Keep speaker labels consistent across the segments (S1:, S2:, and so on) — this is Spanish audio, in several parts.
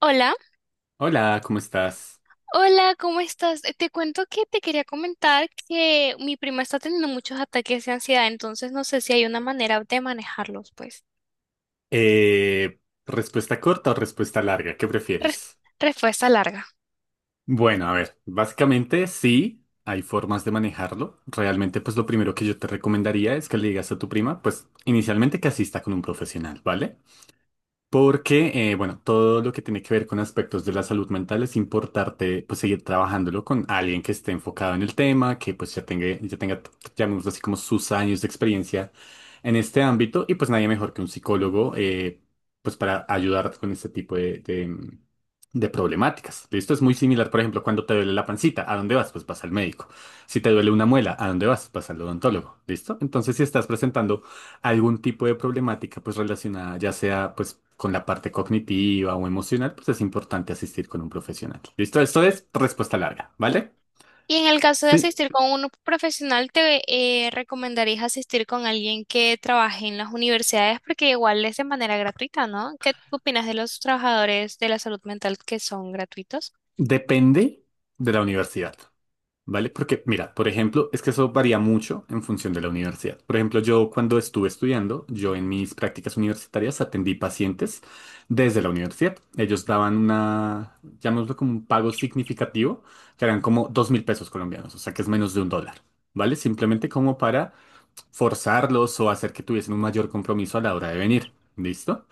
S1: Hola,
S2: Hola, ¿cómo estás?
S1: hola, ¿cómo estás? Te cuento que te quería comentar que mi prima está teniendo muchos ataques de ansiedad, entonces no sé si hay una manera de manejarlos, pues.
S2: Eh, ¿Respuesta corta o respuesta larga? ¿Qué prefieres?
S1: Res- Respuesta larga.
S2: Bueno, a ver, básicamente sí, hay formas de manejarlo. Realmente, pues lo primero que yo te recomendaría es que le digas a tu prima, pues inicialmente que asista con un profesional, ¿vale? Porque, bueno, todo lo que tiene que ver con aspectos de la salud mental es importante, pues, seguir trabajándolo con alguien que esté enfocado en el tema, que, pues, ya tenga, llamémoslo así, como sus años de experiencia en este ámbito. Y, pues, nadie mejor que un psicólogo, pues, para ayudarte con este tipo de problemáticas. Esto es muy similar, por ejemplo, cuando te duele la pancita, ¿a dónde vas? Pues vas al médico. Si te duele una muela, ¿a dónde vas? Vas al odontólogo. ¿Listo? Entonces, si estás presentando algún tipo de problemática pues relacionada ya sea pues con la parte cognitiva o emocional, pues es importante asistir con un profesional. ¿Listo? Esto es respuesta larga, ¿vale?
S1: Y en el caso de
S2: Sí,
S1: asistir con un profesional, te recomendarías asistir con alguien que trabaje en las universidades porque igual es de manera gratuita, ¿no? ¿Qué opinas de los trabajadores de la salud mental que son gratuitos?
S2: depende de la universidad. ¿Vale? Porque, mira, por ejemplo, es que eso varía mucho en función de la universidad. Por ejemplo, yo cuando estuve estudiando, yo en mis prácticas universitarias atendí pacientes desde la universidad. Ellos daban una, llamémoslo como un pago significativo, que eran como 2.000 pesos colombianos, o sea que es menos de un dólar, ¿vale? Simplemente como para forzarlos o hacer que tuviesen un mayor compromiso a la hora de venir, ¿listo?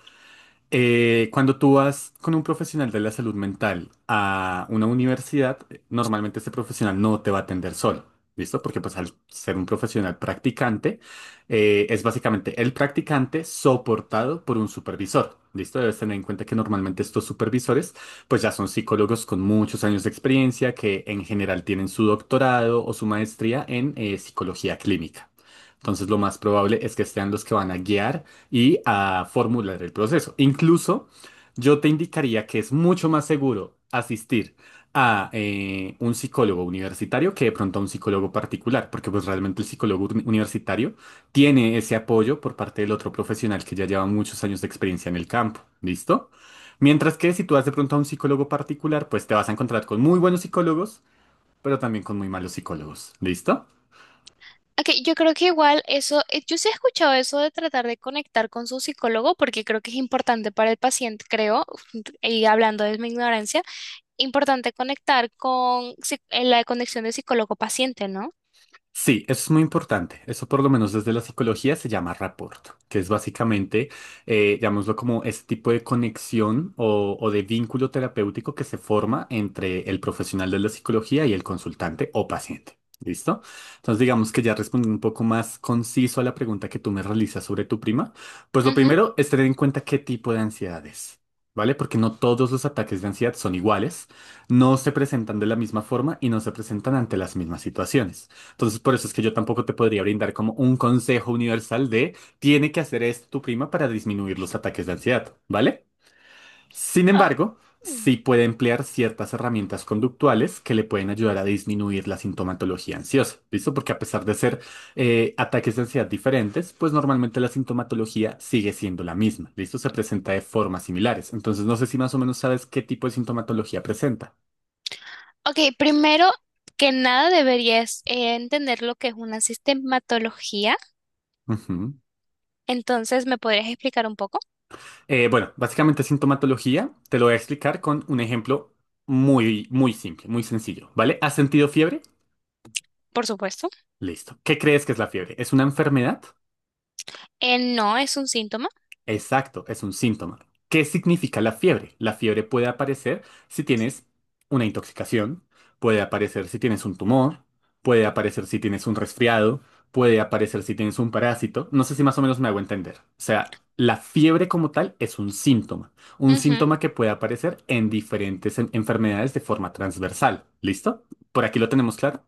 S2: Cuando tú vas con un profesional de la salud mental a una universidad, normalmente ese profesional no te va a atender solo, ¿listo? Porque pues al ser un profesional practicante, es básicamente el practicante soportado por un supervisor, ¿listo? Debes tener en cuenta que normalmente estos supervisores pues ya son psicólogos con muchos años de experiencia que en general tienen su doctorado o su maestría en psicología clínica. Entonces, lo más probable es que sean los que van a guiar y a formular el proceso. Incluso, yo te indicaría que es mucho más seguro asistir a un psicólogo universitario que de pronto a un psicólogo particular, porque pues realmente el psicólogo universitario tiene ese apoyo por parte del otro profesional que ya lleva muchos años de experiencia en el campo. ¿Listo? Mientras que si tú vas de pronto a un psicólogo particular, pues te vas a encontrar con muy buenos psicólogos, pero también con muy malos psicólogos. ¿Listo?
S1: Ok, yo creo que igual eso, yo sí he escuchado eso de tratar de conectar con su psicólogo porque creo que es importante para el paciente, creo, y hablando de mi ignorancia, importante conectar con la conexión de psicólogo-paciente, no.
S2: Sí, eso es muy importante. Eso por lo menos desde la psicología se llama rapport, que es básicamente, llamémoslo como ese tipo de conexión o de vínculo terapéutico que se forma entre el profesional de la psicología y el consultante o paciente. ¿Listo? Entonces digamos que ya respondiendo un poco más conciso a la pregunta que tú me realizas sobre tu prima, pues lo
S1: Ujú.
S2: primero es tener en cuenta qué tipo de ansiedad es, ¿vale? Porque no todos los ataques de ansiedad son iguales, no se presentan de la misma forma y no se presentan ante las mismas situaciones. Entonces, por eso es que yo tampoco te podría brindar como un consejo universal de tiene que hacer esto tu prima para disminuir los ataques de ansiedad, ¿vale? Sin
S1: Ah,
S2: embargo,
S1: mm.
S2: sí puede emplear ciertas herramientas conductuales que le pueden ayudar a disminuir la sintomatología ansiosa, ¿listo? Porque a pesar de ser ataques de ansiedad diferentes, pues normalmente la sintomatología sigue siendo la misma, ¿listo? Se presenta de formas similares. Entonces, no sé si más o menos sabes qué tipo de sintomatología presenta.
S1: Ok, primero que nada deberías entender lo que es una sistematología,
S2: Ujú.
S1: entonces, ¿me podrías explicar un poco?
S2: Bueno, básicamente sintomatología te lo voy a explicar con un ejemplo muy, muy simple, muy sencillo, ¿vale? ¿Has sentido fiebre?
S1: Por supuesto.
S2: Listo. ¿Qué crees que es la fiebre? ¿Es una enfermedad?
S1: No, es un síntoma.
S2: Exacto, es un síntoma. ¿Qué significa la fiebre? La fiebre puede aparecer si tienes una intoxicación, puede aparecer si tienes un tumor, puede aparecer si tienes un resfriado, puede aparecer si tienes un parásito. No sé si más o menos me hago entender. O sea, la fiebre como tal es un
S1: Ujú.
S2: síntoma que puede aparecer en diferentes enfermedades de forma transversal. ¿Listo? ¿Por aquí lo tenemos claro?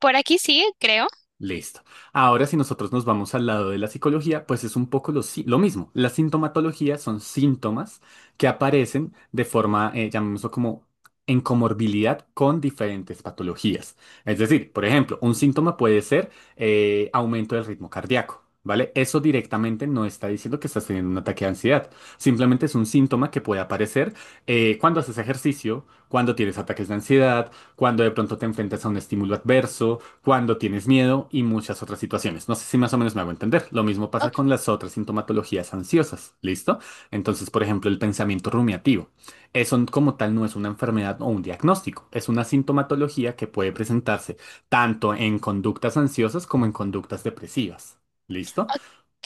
S1: Por aquí sí creo.
S2: Listo. Ahora, si nosotros nos vamos al lado de la psicología, pues es un poco lo, si- lo mismo. La sintomatología son síntomas que aparecen de forma, llamémoslo como en comorbilidad con diferentes patologías. Es decir, por ejemplo, un síntoma puede ser aumento del ritmo cardíaco, ¿vale? Eso directamente no está diciendo que estás teniendo un ataque de ansiedad. Simplemente es un síntoma que puede aparecer cuando haces ejercicio, cuando tienes ataques de ansiedad, cuando de pronto te enfrentas a un estímulo adverso cuando tienes miedo y muchas otras situaciones. No sé si más o menos me hago entender. Lo mismo pasa con las otras sintomatologías ansiosas, ¿listo? Entonces, por ejemplo, el pensamiento rumiativo. Eso como tal no es una enfermedad o un diagnóstico, es una sintomatología que puede presentarse tanto en conductas ansiosas como en conductas depresivas. ¿Listo?
S1: Ok,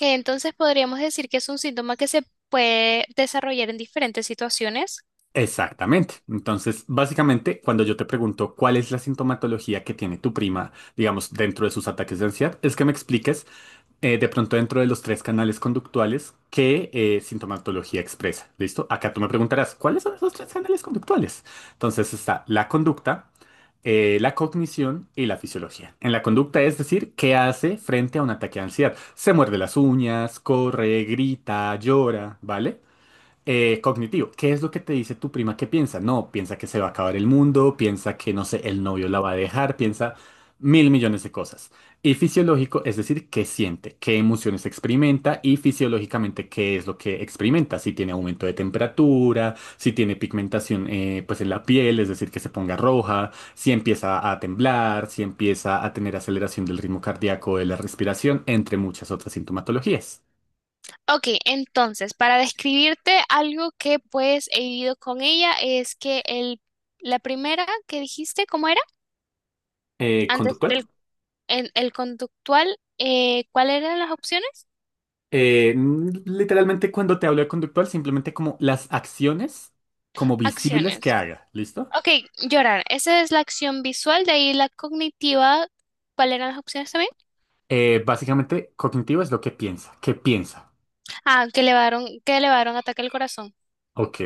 S1: entonces podríamos decir que es un síntoma que se puede desarrollar en diferentes situaciones.
S2: Exactamente. Entonces, básicamente, cuando yo te pregunto cuál es la sintomatología que tiene tu prima, digamos, dentro de sus ataques de ansiedad, es que me expliques de pronto dentro de los tres canales conductuales que sintomatología expresa. ¿Listo? Acá tú me preguntarás, ¿cuáles son esos tres canales conductuales? Entonces está la conducta, la cognición y la fisiología. En la conducta es decir, ¿qué hace frente a un ataque de ansiedad? Se muerde las uñas, corre, grita, llora, ¿vale? Cognitivo, ¿qué es lo que te dice tu prima que piensa? No, piensa que se va a acabar el mundo, piensa que, no sé, el novio la va a dejar, piensa 1.000 millones de cosas. Y fisiológico, es decir, qué siente, qué emociones experimenta y fisiológicamente qué es lo que experimenta, si tiene aumento de temperatura, si tiene pigmentación pues en la piel, es decir, que se ponga roja, si empieza a temblar, si empieza a tener aceleración del ritmo cardíaco, de la respiración, entre muchas otras sintomatologías.
S1: Ok, entonces, para describirte algo que pues he vivido con ella es que el, la primera que dijiste, ¿cómo era? Antes
S2: ¿Conductual?
S1: del el conductual, ¿cuáles eran las opciones?
S2: Literalmente cuando te hablo de conductual, simplemente como las acciones como visibles que
S1: Acciones.
S2: haga, ¿listo?
S1: Ok, llorar. Esa es la acción visual, de ahí la cognitiva. ¿Cuáles eran las opciones también?
S2: Básicamente, cognitivo es lo que piensa. ¿Qué piensa?
S1: Ah, que elevaron ataque al corazón.
S2: Ok.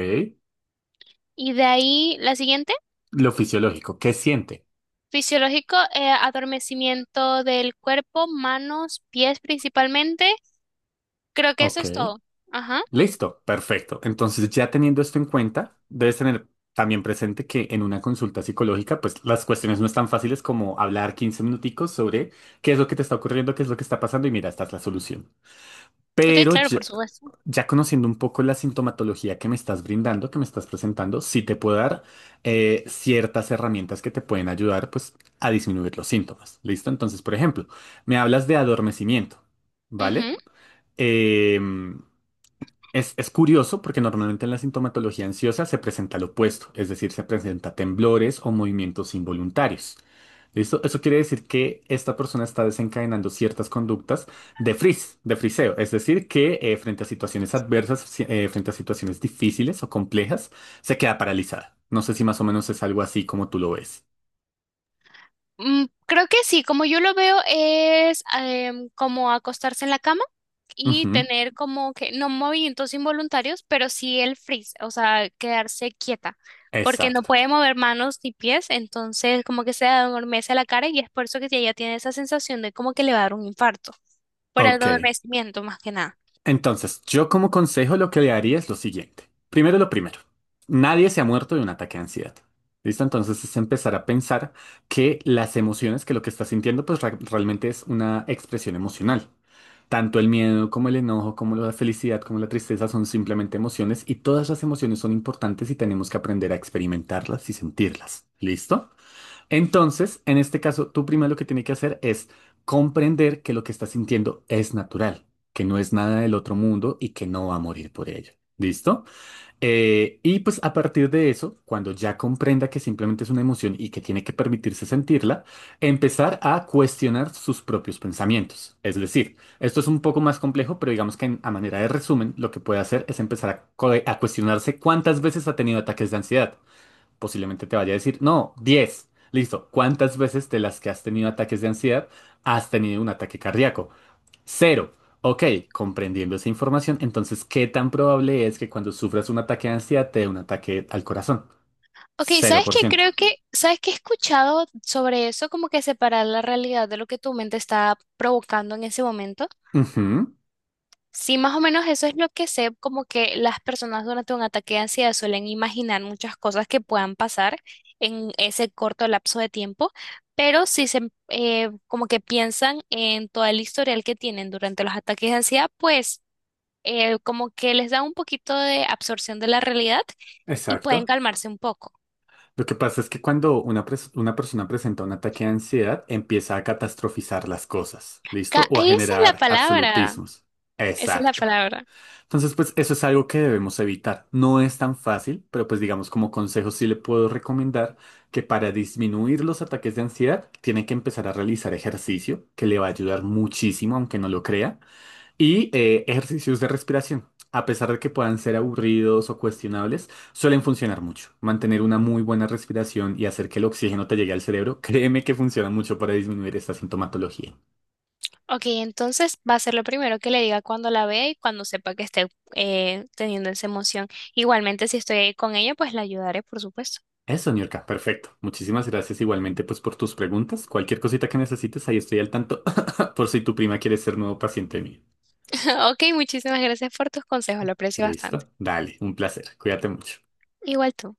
S1: Y de ahí la siguiente.
S2: Lo fisiológico, ¿qué siente?
S1: Fisiológico, adormecimiento del cuerpo, manos, pies principalmente. Creo que eso
S2: Ok.
S1: es todo. Ajá.
S2: Listo, perfecto. Entonces, ya teniendo esto en cuenta, debes tener también presente que en una consulta psicológica, pues las cuestiones no están fáciles como hablar 15 minuticos sobre qué es lo que te está ocurriendo, qué es lo que está pasando y mira, esta es la solución.
S1: Ok,
S2: Pero
S1: claro,
S2: ya-
S1: por supuesto.
S2: Ya conociendo un poco la sintomatología que me estás brindando, que me estás presentando, sí te puedo dar ciertas herramientas que te pueden ayudar pues a disminuir los síntomas. ¿Listo? Entonces, por ejemplo, me hablas de adormecimiento,
S1: Ujú.
S2: ¿vale? Em, es curioso porque normalmente en la sintomatología ansiosa se presenta lo opuesto, es decir, se presenta temblores o movimientos involuntarios. ¿Listo? Eso quiere decir que esta persona está desencadenando ciertas conductas de frizz, de friseo, es decir, que frente a situaciones adversas, frente a situaciones difíciles o complejas, se queda paralizada. No sé si más o menos es algo así como tú lo ves.
S1: Mm, creo que sí, como yo lo veo es em, como acostarse en la cama y
S2: Ujú,
S1: tener como que no movimientos involuntarios, pero sí el freeze, o sea, quedarse quieta, porque no
S2: exacto.
S1: puede mover manos ni pies, entonces como que se adormece la cara y es por eso que ella tiene esa sensación de como que le va a dar un infarto, por el
S2: Ok.
S1: adormecimiento más que nada.
S2: Entonces, yo como consejo lo que le haría es lo siguiente. Primero lo primero, nadie se ha muerto de un ataque de ansiedad. ¿Listo? Entonces es empezar a pensar que las emociones, que lo que estás sintiendo, pues realmente es una expresión emocional. Tanto el miedo como el enojo, como la felicidad, como la tristeza son simplemente emociones y todas las emociones son importantes y tenemos que aprender a experimentarlas y sentirlas. ¿Listo? Entonces, en este caso, tú primero lo que tiene que hacer es comprender que lo que estás sintiendo es natural, que no es nada del otro mundo y que no va a morir por ello. ¿Listo? Y pues a partir de eso, cuando ya comprenda que simplemente es una emoción y que tiene que permitirse sentirla, empezar a cuestionar sus propios pensamientos. Es decir, esto es un poco más complejo, pero digamos que a manera de resumen, lo que puede hacer es empezar a a cuestionarse cuántas veces ha tenido ataques de ansiedad posiblemente te vaya a decir, no, 10. Listo. ¿Cuántas veces de las que has tenido ataques de ansiedad has tenido un ataque cardíaco? Cero. Ok, comprendiendo esa información, entonces, ¿qué tan probable es que cuando sufras un ataque de ansiedad te dé un ataque al corazón?
S1: Ok, ¿sabes qué?
S2: 0%.
S1: Creo que, ¿sabes qué he escuchado sobre eso? Como que separar la realidad de lo que tu mente está provocando en ese momento.
S2: Ujú,
S1: Sí, más o menos eso es lo que sé, como que las personas durante un ataque de ansiedad suelen imaginar muchas cosas que puedan pasar en ese corto lapso de tiempo, pero sí se, como que piensan en todo el historial que tienen durante los ataques de ansiedad, pues como que les da un poquito de absorción de la realidad y pueden
S2: exacto.
S1: calmarse un poco.
S2: Lo que pasa es que cuando una persona presenta un ataque de ansiedad, empieza a catastrofizar las cosas, ¿listo? O a
S1: Esa es la
S2: generar
S1: palabra,
S2: absolutismos.
S1: esa es la
S2: Exacto.
S1: palabra.
S2: Entonces, pues eso es algo que debemos evitar. No es tan fácil, pero pues digamos como consejo sí le puedo recomendar que para disminuir los ataques de ansiedad tiene que empezar a realizar ejercicio que le va a ayudar muchísimo, aunque no lo crea, y ejercicios de respiración. A pesar de que puedan ser aburridos o cuestionables, suelen funcionar mucho. Mantener una muy buena respiración y hacer que el oxígeno te llegue al cerebro, créeme que funciona mucho para disminuir esta sintomatología.
S1: Ok, entonces va a ser lo primero que le diga cuando la vea y cuando sepa que esté teniendo esa emoción. Igualmente, si estoy ahí con ella, pues la ayudaré, por supuesto.
S2: Eso, Niurka, perfecto. Muchísimas gracias igualmente pues por tus preguntas. Cualquier cosita que necesites, ahí estoy al tanto por si tu prima quiere ser nuevo paciente mío.
S1: Ok, muchísimas gracias por tus consejos, lo aprecio bastante.
S2: ¿Listo? Dale, un placer. Cuídate mucho.
S1: Igual tú.